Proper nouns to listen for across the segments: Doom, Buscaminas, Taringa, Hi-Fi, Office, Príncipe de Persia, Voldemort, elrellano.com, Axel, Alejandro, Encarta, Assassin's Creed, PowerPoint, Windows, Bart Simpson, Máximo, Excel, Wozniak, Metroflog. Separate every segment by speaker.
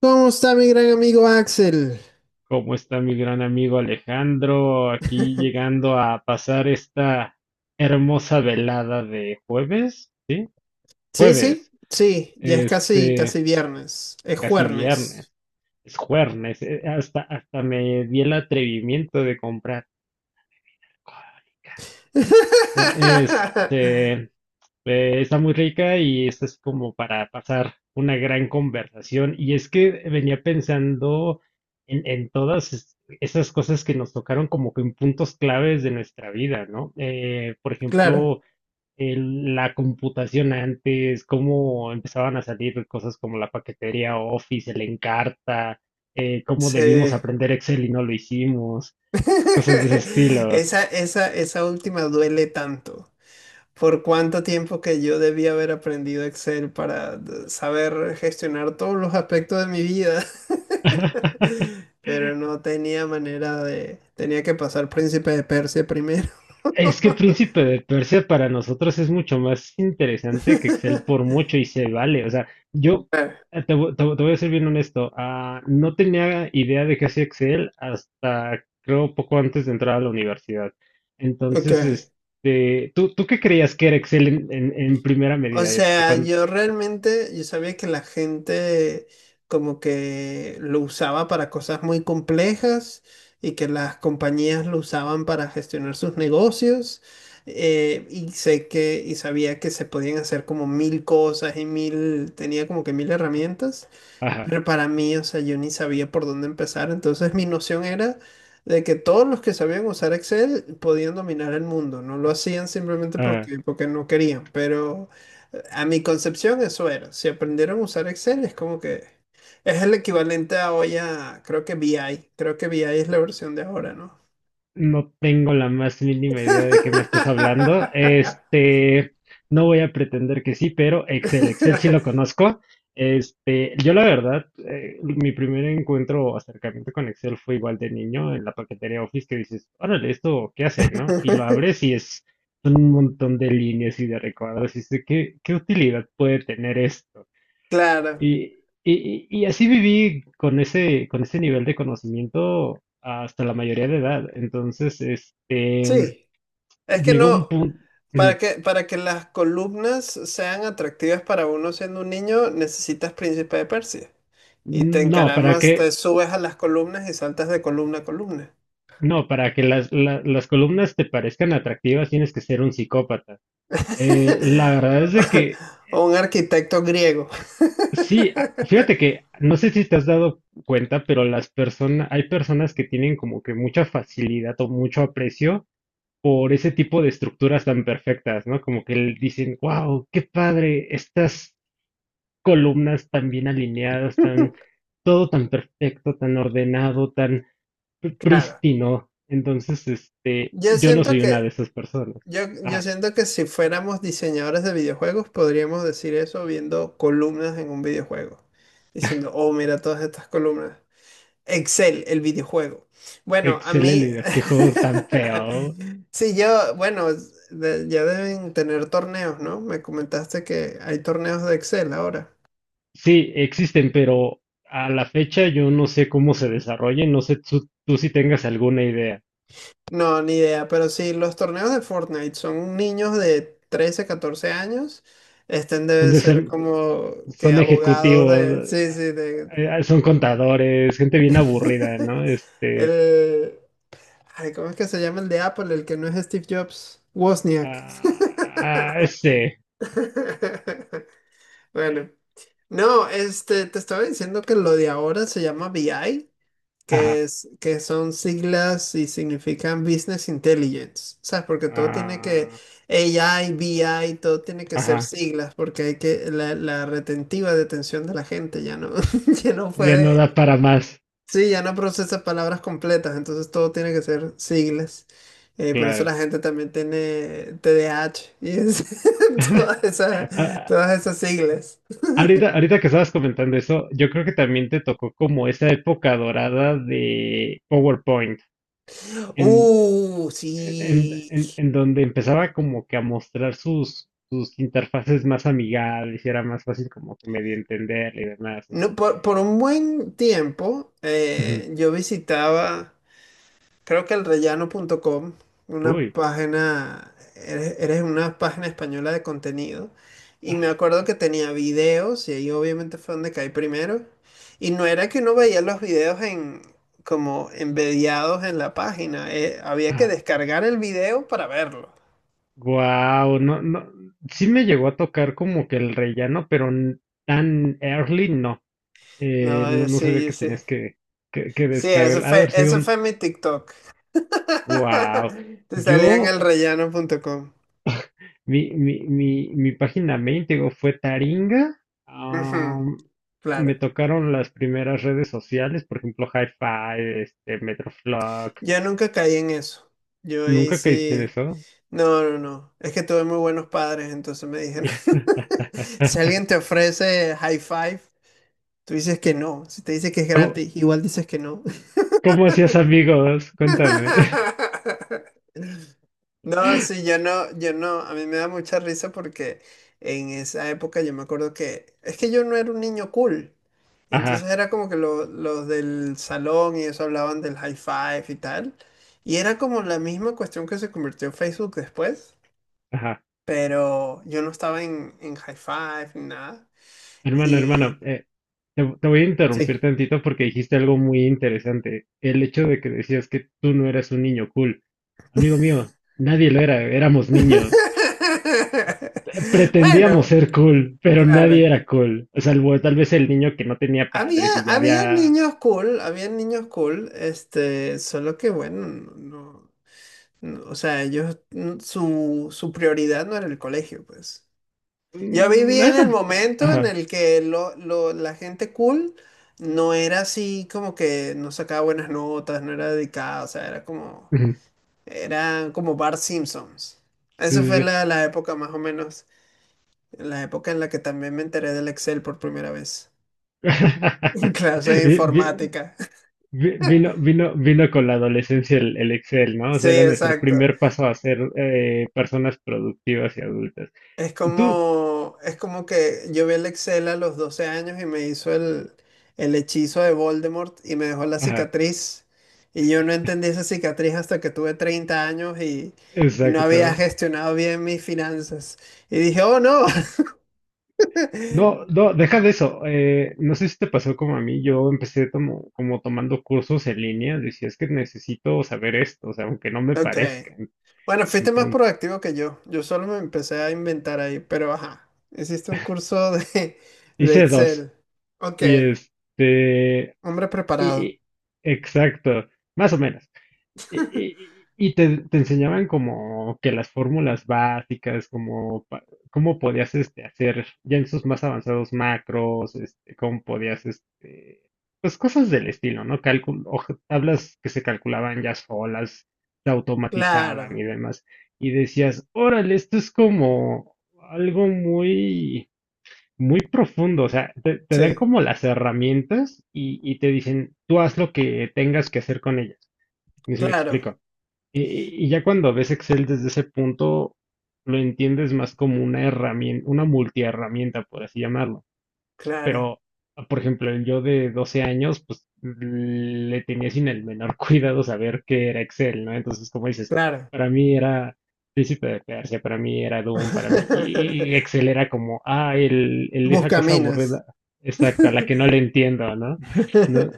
Speaker 1: ¿Cómo está mi gran amigo Axel?
Speaker 2: ¿Cómo está mi gran amigo Alejandro? Aquí llegando a pasar esta hermosa velada de jueves, ¿sí?
Speaker 1: Sí, sí,
Speaker 2: Jueves,
Speaker 1: sí, ya es casi,
Speaker 2: este,
Speaker 1: casi viernes, es
Speaker 2: casi viernes,
Speaker 1: juernes.
Speaker 2: es jueves, hasta me di el atrevimiento de comprar. Eh, Este, Está muy rica y esta es como para pasar una gran conversación. Y es que venía pensando en todas esas cosas que nos tocaron como que en puntos claves de nuestra vida, ¿no? Por
Speaker 1: Claro,
Speaker 2: ejemplo, la computación antes, cómo empezaban a salir cosas como la paquetería Office, el Encarta, cómo debimos
Speaker 1: sí.
Speaker 2: aprender Excel y no lo hicimos, cosas de ese estilo.
Speaker 1: Esa última duele tanto. Por cuánto tiempo que yo debía haber aprendido Excel para saber gestionar todos los aspectos de mi vida. Pero no tenía manera de... Tenía que pasar Príncipe de Persia primero.
Speaker 2: Es que Príncipe de Persia para nosotros es mucho más interesante que Excel por mucho y se vale. O sea, yo te voy a ser bien honesto, no tenía idea de qué hacía Excel hasta creo poco antes de entrar a la universidad.
Speaker 1: Ok.
Speaker 2: Entonces, ¿tú qué creías que era Excel en, en primera
Speaker 1: O
Speaker 2: medida?
Speaker 1: sea, yo realmente, yo sabía que la gente como que lo usaba para cosas muy complejas y que las compañías lo usaban para gestionar sus negocios. Y sabía que se podían hacer como mil cosas y mil, tenía como que mil herramientas.
Speaker 2: Ajá.
Speaker 1: Pero para mí, o sea, yo ni sabía por dónde empezar. Entonces mi noción era de que todos los que sabían usar Excel podían dominar el mundo. No lo hacían simplemente porque no querían. Pero a mi concepción eso era. Si aprendieron a usar Excel es como que es el equivalente a hoy a, creo que BI. Creo que BI es la versión de ahora, ¿no?
Speaker 2: No tengo la más mínima idea de qué me estás hablando. No voy a pretender que sí, pero Excel, Excel sí lo conozco. Yo la verdad, mi primer encuentro o acercamiento con Excel fue igual de niño en la paquetería Office que dices, órale, esto, ¿qué hace, no? Y lo abres y es un montón de líneas y de recuadros y dices, ¿qué, qué utilidad puede tener esto?
Speaker 1: Claro,
Speaker 2: Y, y así viví con ese nivel de conocimiento hasta la mayoría de edad. Entonces,
Speaker 1: sí. Es que
Speaker 2: llegó un
Speaker 1: no.
Speaker 2: punto,
Speaker 1: Para que las columnas sean atractivas para uno siendo un niño, necesitas Príncipe de Persia. Y te
Speaker 2: no, para que,
Speaker 1: encaramas, te subes a las columnas y saltas de columna a columna.
Speaker 2: no, para que las columnas te parezcan atractivas tienes que ser un psicópata. La verdad es de que
Speaker 1: O un arquitecto griego.
Speaker 2: sí, fíjate que no sé si te has dado cuenta, pero las personas, hay personas que tienen como que mucha facilidad o mucho aprecio por ese tipo de estructuras tan perfectas, ¿no? Como que dicen, wow, qué padre, estas columnas tan bien alineadas, tan, todo tan perfecto, tan ordenado, tan
Speaker 1: Claro.
Speaker 2: prístino. Entonces,
Speaker 1: Yo
Speaker 2: yo no
Speaker 1: siento
Speaker 2: soy una de
Speaker 1: que,
Speaker 2: esas personas.
Speaker 1: yo
Speaker 2: Ah,
Speaker 1: siento que si fuéramos diseñadores de videojuegos, podríamos decir eso viendo columnas en un videojuego. Diciendo, oh, mira todas estas columnas. Excel, el videojuego. Bueno, a mí,
Speaker 2: excelente, qué juego tan feo.
Speaker 1: sí, yo, bueno, ya deben tener torneos, ¿no? Me comentaste que hay torneos de Excel ahora.
Speaker 2: Sí, existen, pero a la fecha yo no sé cómo se desarrollen, no sé tú si tengas alguna idea.
Speaker 1: No, ni idea, pero sí, los torneos de Fortnite son niños de 13, 14 años. Estén deben
Speaker 2: donde
Speaker 1: ser
Speaker 2: se-
Speaker 1: como que
Speaker 2: Son
Speaker 1: abogados de...
Speaker 2: ejecutivos,
Speaker 1: Sí, sí, de...
Speaker 2: son contadores, gente bien aburrida, ¿no?
Speaker 1: el... Ay, ¿cómo es que se llama el de Apple? El que no es Steve Jobs. Wozniak.
Speaker 2: Ah, ah, este,
Speaker 1: Bueno. No, este, te estaba diciendo que lo de ahora se llama BI,
Speaker 2: ajá.
Speaker 1: que son siglas y significan Business Intelligence, ¿sabes? Porque todo tiene que,
Speaker 2: ah,
Speaker 1: AI, BI, todo tiene que ser
Speaker 2: ajá,
Speaker 1: siglas, porque hay que, la retentiva detención de la gente ya no, ya no
Speaker 2: ya
Speaker 1: puede,
Speaker 2: no da para más,
Speaker 1: sí, ya no procesa palabras completas, entonces todo tiene que ser siglas. Por eso
Speaker 2: claro.
Speaker 1: la gente también tiene TDAH y todas esas,
Speaker 2: Ah,
Speaker 1: todas esas siglas.
Speaker 2: ahorita que estabas comentando eso, yo creo que también te tocó como esa época dorada de PowerPoint. En,
Speaker 1: Sí.
Speaker 2: en donde empezaba como que a mostrar sus, sus interfaces más amigables y era más fácil como que medio entender y demás, ¿no?
Speaker 1: No, por un buen tiempo
Speaker 2: Ujú.
Speaker 1: yo visitaba, creo que el elrellano.com, una
Speaker 2: Uy,
Speaker 1: página, eres una página española de contenido. Y me
Speaker 2: ajá,
Speaker 1: acuerdo que tenía videos, y ahí obviamente fue donde caí primero. Y no era que uno veía los videos en, como embediados en la página, había que
Speaker 2: ajá.
Speaker 1: descargar el video para verlo.
Speaker 2: Guau, no, no, sí me llegó a tocar como que el rellano, pero tan early no.
Speaker 1: No,
Speaker 2: No, no sabía
Speaker 1: sí,
Speaker 2: que
Speaker 1: sí.
Speaker 2: tenías que
Speaker 1: Sí,
Speaker 2: descargar. Ha de haber sido
Speaker 1: eso
Speaker 2: un,
Speaker 1: fue mi TikTok.
Speaker 2: wow.
Speaker 1: Te salían
Speaker 2: Yo.
Speaker 1: el rellano.com.
Speaker 2: Mi página main, te digo, fue Taringa.
Speaker 1: Ujú,
Speaker 2: Am, Me
Speaker 1: claro.
Speaker 2: tocaron las primeras redes sociales, por ejemplo, Hi-Fi, Metroflog.
Speaker 1: Yo nunca caí en eso. Yo ahí
Speaker 2: ¿Nunca caíste en
Speaker 1: sí.
Speaker 2: eso?
Speaker 1: No, no, no. Es que tuve muy buenos padres, entonces me dijeron. Si alguien te ofrece high five, tú dices que no. Si te dice que es
Speaker 2: ¿Cómo,
Speaker 1: gratis, igual dices que no.
Speaker 2: cómo hacías amigos? Cuéntame.
Speaker 1: No, sí, yo no, a mí me da mucha risa porque en esa época yo me acuerdo que es que yo no era un niño cool. Y
Speaker 2: Ajá,
Speaker 1: entonces era como que los del salón y eso hablaban del high five y tal. Y era como la misma cuestión que se convirtió en Facebook después,
Speaker 2: ajá.
Speaker 1: pero yo no estaba en high five ni nada.
Speaker 2: Hermano,
Speaker 1: Y
Speaker 2: te voy a interrumpir
Speaker 1: sí.
Speaker 2: tantito porque dijiste algo muy interesante. El hecho de que decías que tú no eras un niño cool. Amigo mío, nadie lo era, éramos niños. Pretendíamos
Speaker 1: Bueno,
Speaker 2: ser cool, pero nadie
Speaker 1: claro.
Speaker 2: era cool. O sea, salvo tal vez el niño que no tenía
Speaker 1: Había,
Speaker 2: padres y ya
Speaker 1: había
Speaker 2: había...
Speaker 1: niños cool, había niños cool, este, solo que bueno, no, o sea, ellos, mm, su prioridad no era el colegio, pues. Yo viví
Speaker 2: Mm,
Speaker 1: en
Speaker 2: esa-
Speaker 1: el momento en
Speaker 2: Ajá.
Speaker 1: el que la gente cool no era así como que no sacaba buenas notas, no era dedicada, o sea, era como,
Speaker 2: Ujú.
Speaker 1: eran como Bart Simpsons.
Speaker 2: Sí,
Speaker 1: Esa
Speaker 2: sí,
Speaker 1: fue
Speaker 2: sí.
Speaker 1: la época más o menos, la época en la que también me enteré del Excel por primera vez, en clase de
Speaker 2: Vi- vi-
Speaker 1: informática.
Speaker 2: vino con la adolescencia el Excel, ¿no? O
Speaker 1: Sí,
Speaker 2: sea, era nuestro
Speaker 1: exacto.
Speaker 2: primer paso a ser personas productivas y adultas. Tú,
Speaker 1: Es como que yo vi el Excel a los 12 años y me hizo el hechizo de Voldemort y me dejó la
Speaker 2: ajá,
Speaker 1: cicatriz. Y yo no entendí esa cicatriz hasta que tuve 30 años y no había
Speaker 2: exacto.
Speaker 1: gestionado bien mis finanzas. Y dije, oh no.
Speaker 2: No, no, deja de eso. No sé si te pasó como a mí. Yo empecé como, como tomando cursos en línea. Decía, es que necesito saber esto, o sea, aunque no me
Speaker 1: Ok.
Speaker 2: parezcan.
Speaker 1: Bueno, fuiste más
Speaker 2: Entonces,
Speaker 1: proactivo que yo. Yo solo me empecé a inventar ahí, pero ajá. Hiciste un curso de
Speaker 2: hice dos.
Speaker 1: Excel. Ok,
Speaker 2: Y
Speaker 1: hombre
Speaker 2: y,
Speaker 1: preparado.
Speaker 2: y- exacto, más o menos. Y te enseñaban como que las fórmulas básicas, como cómo podías hacer ya en sus más avanzados macros, cómo podías, pues cosas del estilo, ¿no? Cálculo, tablas que se calculaban ya solas, se automatizaban
Speaker 1: Claro,
Speaker 2: y demás. Y decías, órale, esto es como algo muy, muy profundo. O sea, te dan
Speaker 1: sí,
Speaker 2: como las herramientas y te dicen, tú haz lo que tengas que hacer con ellas. No sé si me
Speaker 1: claro,
Speaker 2: explico. Y ya cuando ves Excel desde ese punto, lo entiendes más como una herramienta, una multiherramienta, por así llamarlo.
Speaker 1: claro,
Speaker 2: Pero, por ejemplo, el yo de 12 años, pues le tenía sin el menor cuidado saber qué era Excel, ¿no? Entonces, como dices,
Speaker 1: claro.
Speaker 2: para mí era Príncipe de Persia, para mí era Doom, para mí, y Excel era como, ah, el, esa cosa
Speaker 1: Buscaminas.
Speaker 2: aburrida, exacta, la que no le entiendo, ¿no? ¿No?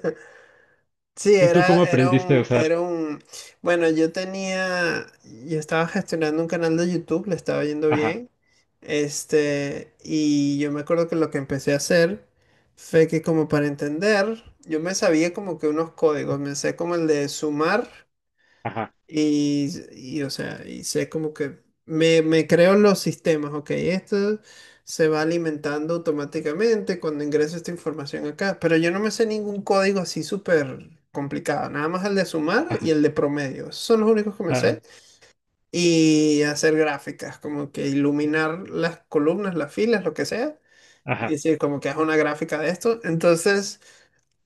Speaker 1: Sí,
Speaker 2: ¿Tú cómo aprendiste a usar?
Speaker 1: era un, bueno, yo tenía, yo estaba gestionando un canal de YouTube, le estaba yendo
Speaker 2: Ajá,
Speaker 1: bien, este, y yo me acuerdo que lo que empecé a hacer fue que como para entender, yo me sabía como que unos códigos, me sé como el de sumar.
Speaker 2: ajá,
Speaker 1: O sea, y sé como que me creo los sistemas, ok, esto se va alimentando automáticamente cuando ingreso esta información acá, pero yo no me sé ningún código así súper complicado, nada más el de sumar y
Speaker 2: ajá,
Speaker 1: el de promedio, esos son los únicos que me
Speaker 2: ajá,
Speaker 1: sé, y hacer gráficas, como que iluminar las columnas, las filas, lo que sea, y
Speaker 2: ajá.
Speaker 1: decir como que haz una gráfica de esto, entonces...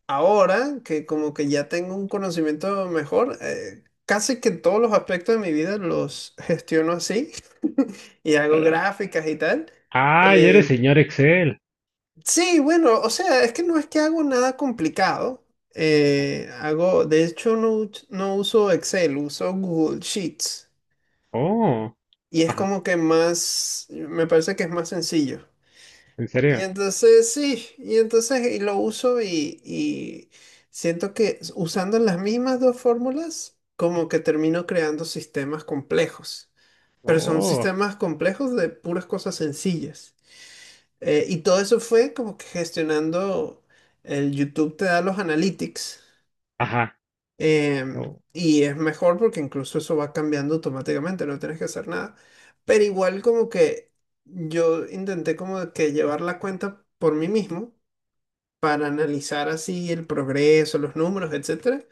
Speaker 1: Ahora que como que ya tengo un conocimiento mejor, casi que todos los aspectos de mi vida los gestiono así y hago gráficas y tal.
Speaker 2: Ah, ya eres
Speaker 1: Eh,
Speaker 2: señor Excel.
Speaker 1: sí, bueno, o sea, es que no es que hago nada complicado.
Speaker 2: Ajá.
Speaker 1: Hago, de hecho, no, no uso Excel, uso Google Sheets
Speaker 2: Oh,
Speaker 1: y es
Speaker 2: ajá,
Speaker 1: como que más, me parece que es más sencillo.
Speaker 2: ¿en
Speaker 1: Y
Speaker 2: serio?
Speaker 1: entonces sí, y entonces y lo uso y siento que usando las mismas dos fórmulas, como que termino creando sistemas complejos, pero son
Speaker 2: Oh,
Speaker 1: sistemas complejos de puras cosas sencillas. Y todo eso fue como que gestionando el YouTube te da los analytics
Speaker 2: ajá, oh,
Speaker 1: y es mejor porque incluso eso va cambiando automáticamente, no tienes que hacer nada. Pero igual como que yo intenté como que llevar la cuenta por mí mismo para analizar así el progreso, los números, etcétera.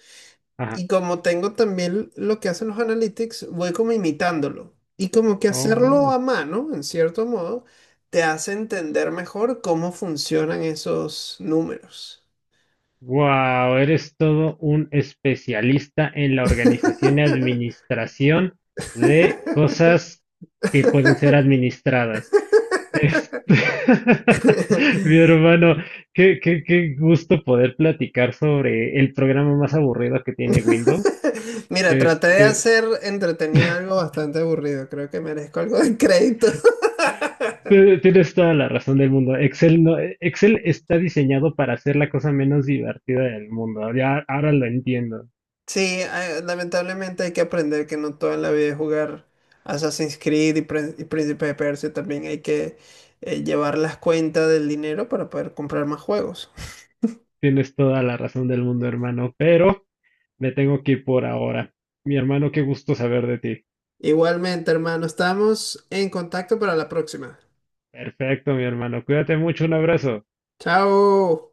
Speaker 2: ajá,
Speaker 1: Y como tengo también lo que hacen los analytics, voy como imitándolo. Y como que hacerlo a
Speaker 2: oh.
Speaker 1: mano, en cierto modo, te hace entender mejor cómo funcionan esos números.
Speaker 2: Wow, eres todo un especialista en la organización y administración de cosas que pueden ser administradas. Este, Mi hermano, qué, qué, qué gusto poder platicar sobre el programa más aburrido que tiene Windows.
Speaker 1: Mira, traté de
Speaker 2: Este,
Speaker 1: hacer entretenido algo bastante aburrido. Creo que merezco algo de crédito.
Speaker 2: Tienes toda la razón del mundo. Excel no, Excel está diseñado para ser la cosa menos divertida del mundo. Ya ahora lo entiendo.
Speaker 1: Sí, ah, lamentablemente hay que aprender que no toda la vida es jugar Assassin's Creed y, y Príncipe de Persia. También hay que llevar las cuentas del dinero para poder comprar más juegos.
Speaker 2: Tienes toda la razón del mundo, hermano, pero me tengo que ir por ahora. Mi hermano, qué gusto saber de ti.
Speaker 1: Igualmente, hermano, estamos en contacto para la próxima.
Speaker 2: Perfecto, mi hermano. Cuídate mucho, un abrazo.
Speaker 1: Chao.